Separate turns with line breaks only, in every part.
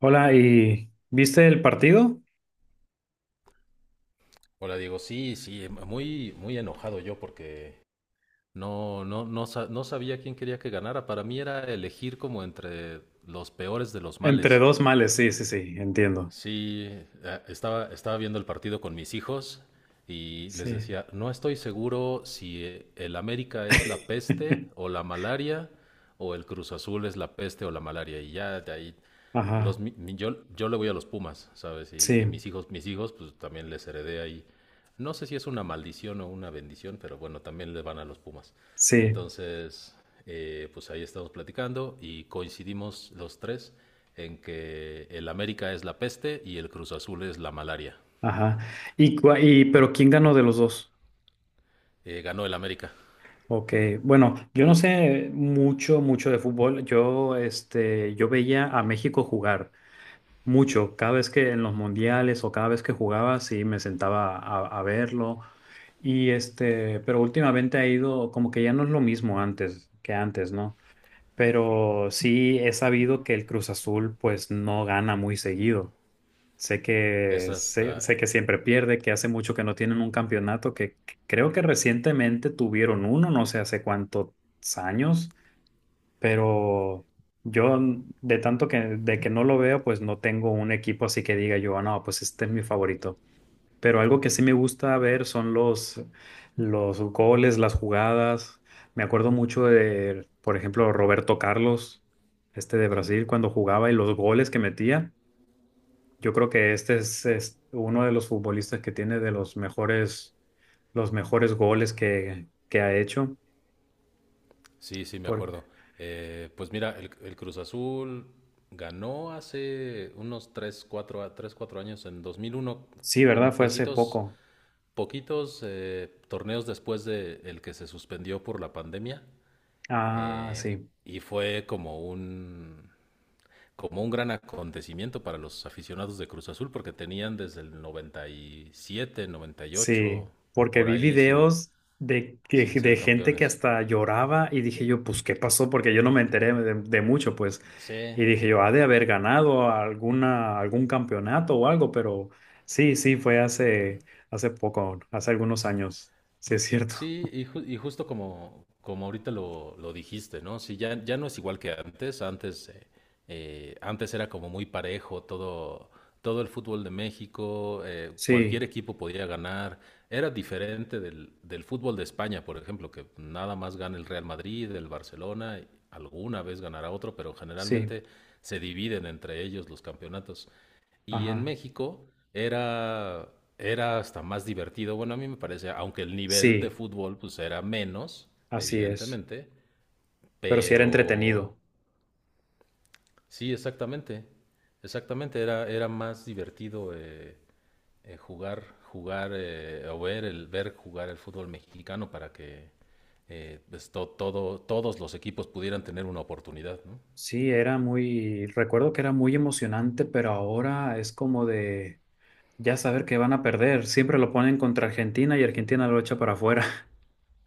Hola, ¿y viste el partido?
Hola, Diego. Sí, sí, muy, muy enojado yo porque no, no, no, no sabía quién quería que ganara. Para mí era elegir como entre los peores de los
Entre
males.
dos males, sí, sí, sí, entiendo.
Sí. Estaba viendo el partido con mis hijos y les
Sí.
decía, no estoy seguro si el América es la peste o la malaria o el Cruz Azul es la peste o la malaria. Y ya de ahí, los,
Ajá,
mi- mi- yo le voy a los Pumas, ¿sabes? Y
sí,
mis hijos, pues también les heredé ahí, no sé si es una maldición o una bendición, pero bueno, también le van a los Pumas.
sí,
Entonces, pues ahí estamos platicando y coincidimos los tres en que el América es la peste y el Cruz Azul es la malaria.
ajá. ¿Y pero quién ganó de los dos?
Ganó el América.
Ok, bueno, yo no sé mucho, mucho de fútbol. Yo veía a México jugar mucho. Cada vez que en los mundiales o cada vez que jugaba, sí, me sentaba a verlo. Y pero últimamente ha ido como que ya no es lo mismo antes que antes, ¿no? Pero sí he sabido que el Cruz Azul pues no gana muy seguido. Sé que,
Esa
sé,
está...
sé que siempre pierde, que hace mucho que no tienen un campeonato, que creo que recientemente tuvieron uno, no sé hace cuántos años, pero yo n- de tanto que, de que no lo veo, pues no tengo un equipo así que diga yo: "Ah, no, pues este es mi favorito". Pero algo que sí me gusta ver son los goles, las jugadas. Me acuerdo mucho de, por ejemplo, Roberto Carlos, este de Brasil, cuando jugaba y los goles que metía. Yo creo que este es uno de los futbolistas que tiene de los mejores goles que ha hecho.
Sí, sí, me
Por,
acuerdo. Pues mira, el Cruz Azul ganó hace unos 3, 4, 3, 4 años, en 2001,
sí, ¿verdad?
como
Fue hace
poquitos
poco.
poquitos eh, torneos después de el que se suspendió por la pandemia,
Ah,
eh,
sí.
y fue como un gran acontecimiento para los aficionados de Cruz Azul porque tenían desde el 97, 98
Sí, porque
por
vi
ahí sin
videos de, que-
sin
de
ser
gente que
campeones.
hasta lloraba y dije yo, pues, ¿qué pasó? Porque yo no me enteré de mucho, pues.
Sí,
Y dije yo, ha de haber ganado algún campeonato o algo, pero sí, sí, fue hace poco, hace algunos años. Sí, es cierto.
sí, y justo como ahorita lo dijiste, ¿no? Sí, ya, ya no es igual que antes. Antes era como muy parejo todo el fútbol de México. Cualquier
Sí,
equipo podía ganar. Era diferente del fútbol de España, por ejemplo, que nada más gana el Real Madrid, el Barcelona, y alguna vez ganará otro, pero
sí,
generalmente se dividen entre ellos los campeonatos. Y en
ajá.
México era, era hasta más divertido. Bueno, a mí me parece, aunque el nivel de
Sí,
fútbol pues era menos,
así es.
evidentemente,
Pero sí era
pero
entretenido.
sí, exactamente. Exactamente, era más divertido, jugar, o ver jugar el fútbol mexicano para que pues, todos los equipos pudieran tener una oportunidad, ¿no?
Sí, recuerdo que era muy emocionante, pero ahora es como de. Ya saber que van a perder, siempre lo ponen contra Argentina y Argentina lo echa para afuera.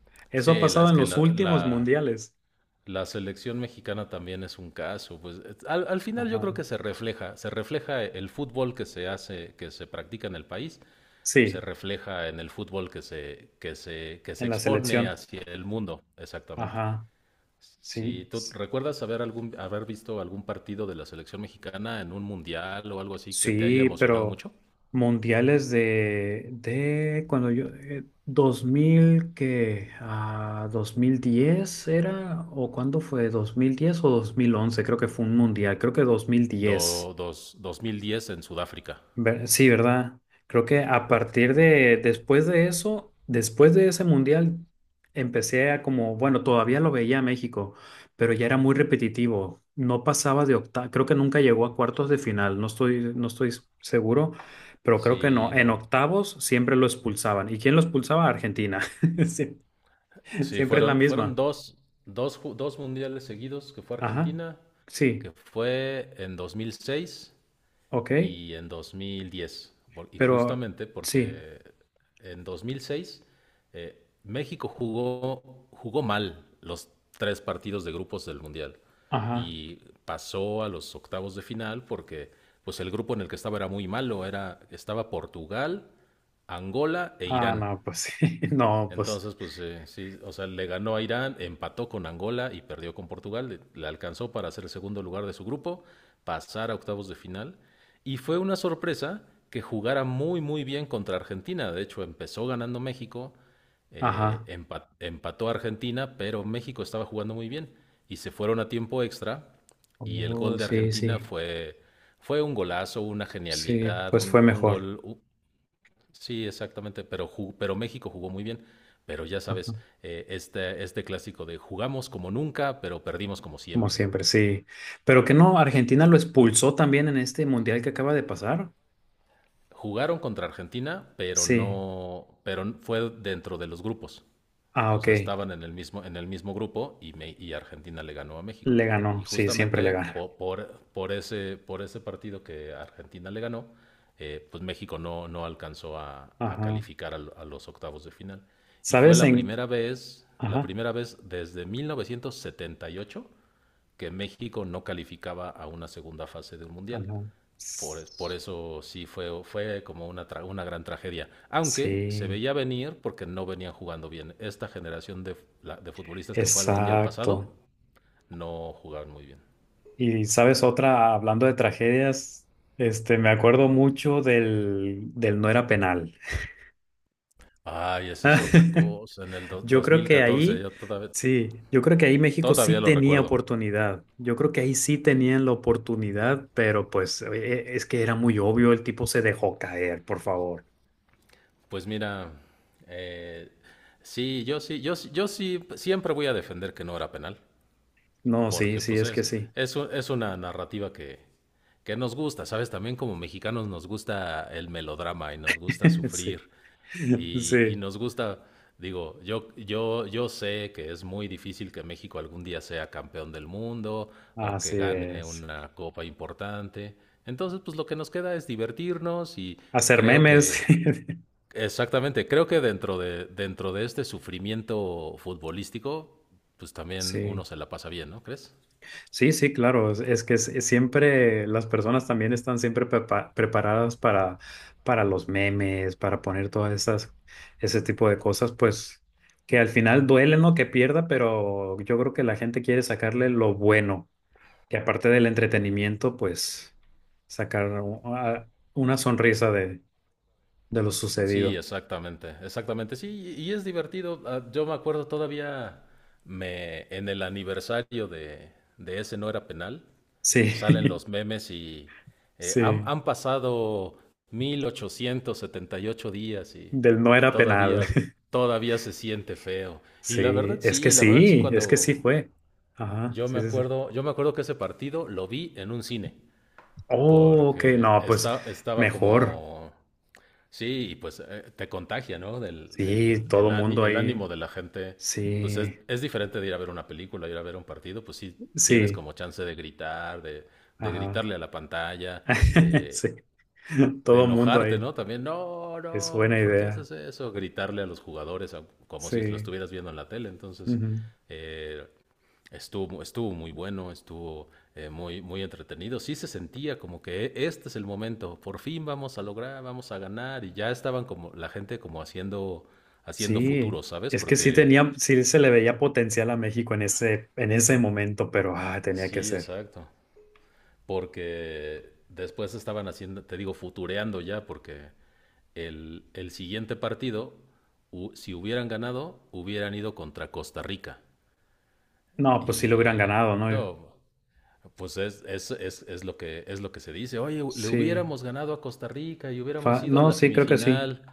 Eso ha
Sí, la,
pasado
es
en
que
los
la,
últimos
la-
mundiales.
La selección mexicana también es un caso, pues al final yo
Ajá.
creo que se refleja el fútbol que se hace, que se practica en el país, se
Sí,
refleja en el fútbol que se
en la
expone
selección.
hacia el mundo, exactamente.
Ajá. Sí,
Si tú
s-
recuerdas haber haber visto algún partido de la selección mexicana en un mundial o algo así que te haya
sí,
emocionado
pero
mucho.
mundiales de cuando yo, a 2010 era, o cuándo fue, 2010 o 2011 creo que fue un mundial, creo que 2010.
Dos mil diez en Sudáfrica.
Sí, ¿verdad? Creo que después de eso, después de ese mundial, bueno, todavía lo veía a México, pero ya era muy repetitivo. No pasaba de octavos, creo que nunca llegó a cuartos de final, no estoy seguro, pero creo que no.
Sí,
En
no.
octavos siempre lo expulsaban. ¿Y quién lo expulsaba? Argentina. Sie-
Sí,
Siempre es la
fueron
misma.
dos mundiales seguidos, que fue
Ajá.
Argentina, que
Sí,
fue en 2006
ok,
y en 2010. Y
pero
justamente
sí,
porque en 2006, México jugó mal los tres partidos de grupos del mundial
ajá.
y pasó a los octavos de final porque pues el grupo en el que estaba era muy malo, estaba Portugal, Angola e
Ah,
Irán.
no, pues sí, no, pues,
Entonces, pues sí, o sea, le ganó a Irán, empató con Angola y perdió con Portugal. Alcanzó para ser el segundo lugar de su grupo, pasar a octavos de final. Y fue una sorpresa que jugara muy, muy bien contra Argentina. De hecho, empezó ganando México,
ajá.
empató a Argentina, pero México estaba jugando muy bien. Y se fueron a tiempo extra. Y el gol
Oh,
de
sí,
Argentina
sí,
fue un golazo, una
sí,
genialidad,
pues fue mejor,
sí, exactamente, pero, pero México jugó muy bien. Pero ya
ajá,
sabes, este, este clásico de jugamos como nunca, pero perdimos como
como
siempre.
siempre, sí. Pero que no, Argentina lo expulsó también en este mundial que acaba de pasar.
Jugaron contra Argentina, pero
Sí,
no, pero fue dentro de los grupos.
ah,
O
ok,
sea, estaban en el mismo grupo y Argentina le ganó a México.
le ganó,
Y
sí, siempre le
justamente
gana.
por ese partido que Argentina le ganó, pues México no alcanzó a
Ajá,
calificar a los octavos de final. Y fue
¿sabes en?
la
Ajá,
primera vez desde 1978 que México no calificaba a una segunda fase del Mundial.
ajá.
Por
S-
eso sí fue como una gran tragedia. Aunque se
Sí,
veía venir porque no venían jugando bien. Esta generación de futbolistas que fue al Mundial pasado
exacto.
no jugaban muy bien.
Y sabes otra, hablando de tragedias, me acuerdo mucho del no era penal.
Ay, esa es otra cosa. En el
Yo
dos
creo
mil
que
catorce
ahí,
yo
sí, yo creo que ahí México sí
todavía lo
tenía
recuerdo.
oportunidad. Yo creo que ahí sí tenían la oportunidad, pero pues es que era muy obvio, el tipo se dejó caer, por favor.
Pues mira, eh, sí, yo sí siempre voy a defender que no era penal.
No, sí,
Porque
sí,
pues
es que sí.
es una narrativa que nos gusta, ¿sabes? También como mexicanos nos gusta el melodrama y nos gusta
Sí,
sufrir y
sí,
nos gusta, digo, yo sé que es muy difícil que México algún día sea campeón del mundo o que
así
gane
es.
una copa importante. Entonces, pues lo que nos queda es divertirnos y
Hacer
creo
memes.
que, exactamente, creo que dentro de este sufrimiento futbolístico, pues también uno
Sí.
se la pasa bien, ¿no crees?
Sí, sí, claro. Siempre las personas también están siempre preparadas para los memes, para poner todas ese tipo de cosas, pues que al final duele, ¿no? Que pierda, pero yo creo que la gente quiere sacarle lo bueno. Que aparte del entretenimiento, pues sacar una sonrisa de lo
Sí,
sucedido.
exactamente, exactamente. Sí, y es divertido. Ah, yo me acuerdo todavía, en el aniversario de ese no era penal,
Sí,
salen los memes y,
sí.
han pasado 1878 días y
Del no era
todavía,
penal.
todavía se siente feo. Y
Sí, es que
la verdad sí,
sí, es que
cuando
sí fue. Ajá, sí, sí, sí.
yo me acuerdo que ese partido lo vi en un cine,
Oh, ok,
porque
no, pues
estaba
mejor.
como... Sí, y pues te contagia, ¿no? Del,
Sí, todo
el, áni-
mundo
el
ahí.
ánimo de la gente, pues
Sí,
es diferente de ir a ver una película, ir a ver un partido, pues sí tienes
sí,
como chance de gritar, de
ajá.
gritarle a la pantalla, de,
Sí,
de
todo mundo
enojarte,
ahí.
¿no? También, no,
Es
no,
buena
¿por qué
idea.
haces eso? Gritarle a los jugadores, como si lo
Sí,
estuvieras viendo en la tele. Entonces,
ujú.
eh, estuvo muy bueno, estuvo muy, muy entretenido. Sí se sentía como que, Este es el momento, por fin vamos a lograr, vamos a ganar". Y ya estaban como la gente como haciendo
Sí,
futuro, ¿sabes?
es que sí
Porque
tenía, sí se le veía potencial a México en ese momento, pero tenía que
sí,
ser.
exacto. Porque después estaban haciendo, te digo, futureando ya, porque el siguiente partido, si hubieran ganado, hubieran ido contra Costa Rica.
No, pues sí lo hubieran
Y
ganado, ¿no?
no, pues es lo es lo que se dice. Oye, le
Sí,
hubiéramos ganado a Costa Rica y hubiéramos ido
No, sí, creo que sí.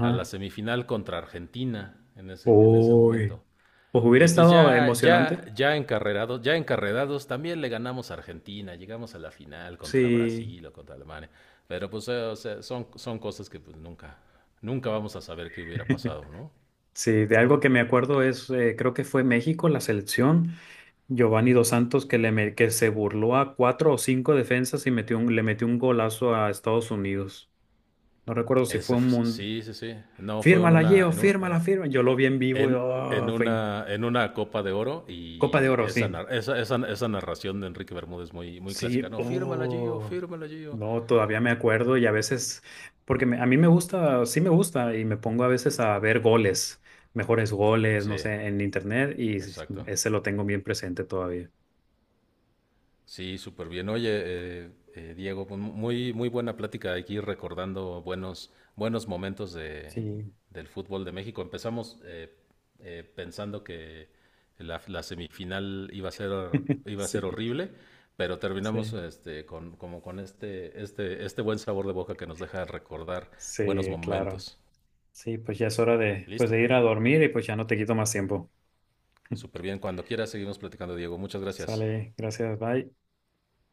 a la semifinal contra Argentina en ese
Uy,
momento.
pues hubiera
Y pues
estado
ya, ya,
emocionante.
ya encarrerados, también le ganamos a Argentina, llegamos a la final contra
Sí.
Brasil o contra Alemania. Pero pues o sea, son cosas que pues nunca vamos a saber qué hubiera pasado, ¿no?
Sí, de algo que me acuerdo creo que fue México, la selección, Giovanni Dos Santos que se burló a cuatro o cinco defensas y le metió un golazo a Estados Unidos. No recuerdo si fue un mundo.
Sí, sí, sí. No, fue en
Fírmala,
una,
Gio,
en un,
fírmala, firma. Yo lo vi en vivo y oh, fue
en una Copa de Oro.
Copa de
Y
Oro,
esa,
sí.
nar- esa, esa, esa narración de Enrique Bermúdez muy, muy clásica.
Sí,
No, fírmala, Gio,
oh.
fírmala, Gio.
No, todavía me acuerdo y a veces, porque a mí me gusta, sí me gusta y me pongo a veces a ver goles, mejores goles,
Sí,
no sé, en internet y
exacto.
ese lo tengo bien presente todavía.
Sí, súper bien. Oye, Diego, pues, muy, muy buena plática aquí recordando buenos, buenos momentos
Sí,
del fútbol de México. Empezamos pensando que la semifinal iba a ser
sí,
horrible, pero terminamos
sí,
como con este buen sabor de boca que nos deja recordar buenos
sí, claro.
momentos.
Sí, pues ya es hora de, pues
Listo.
de ir a dormir y pues ya no te quito más tiempo.
Súper bien. Cuando quieras seguimos platicando, Diego. Muchas gracias.
Sale, gracias, bye.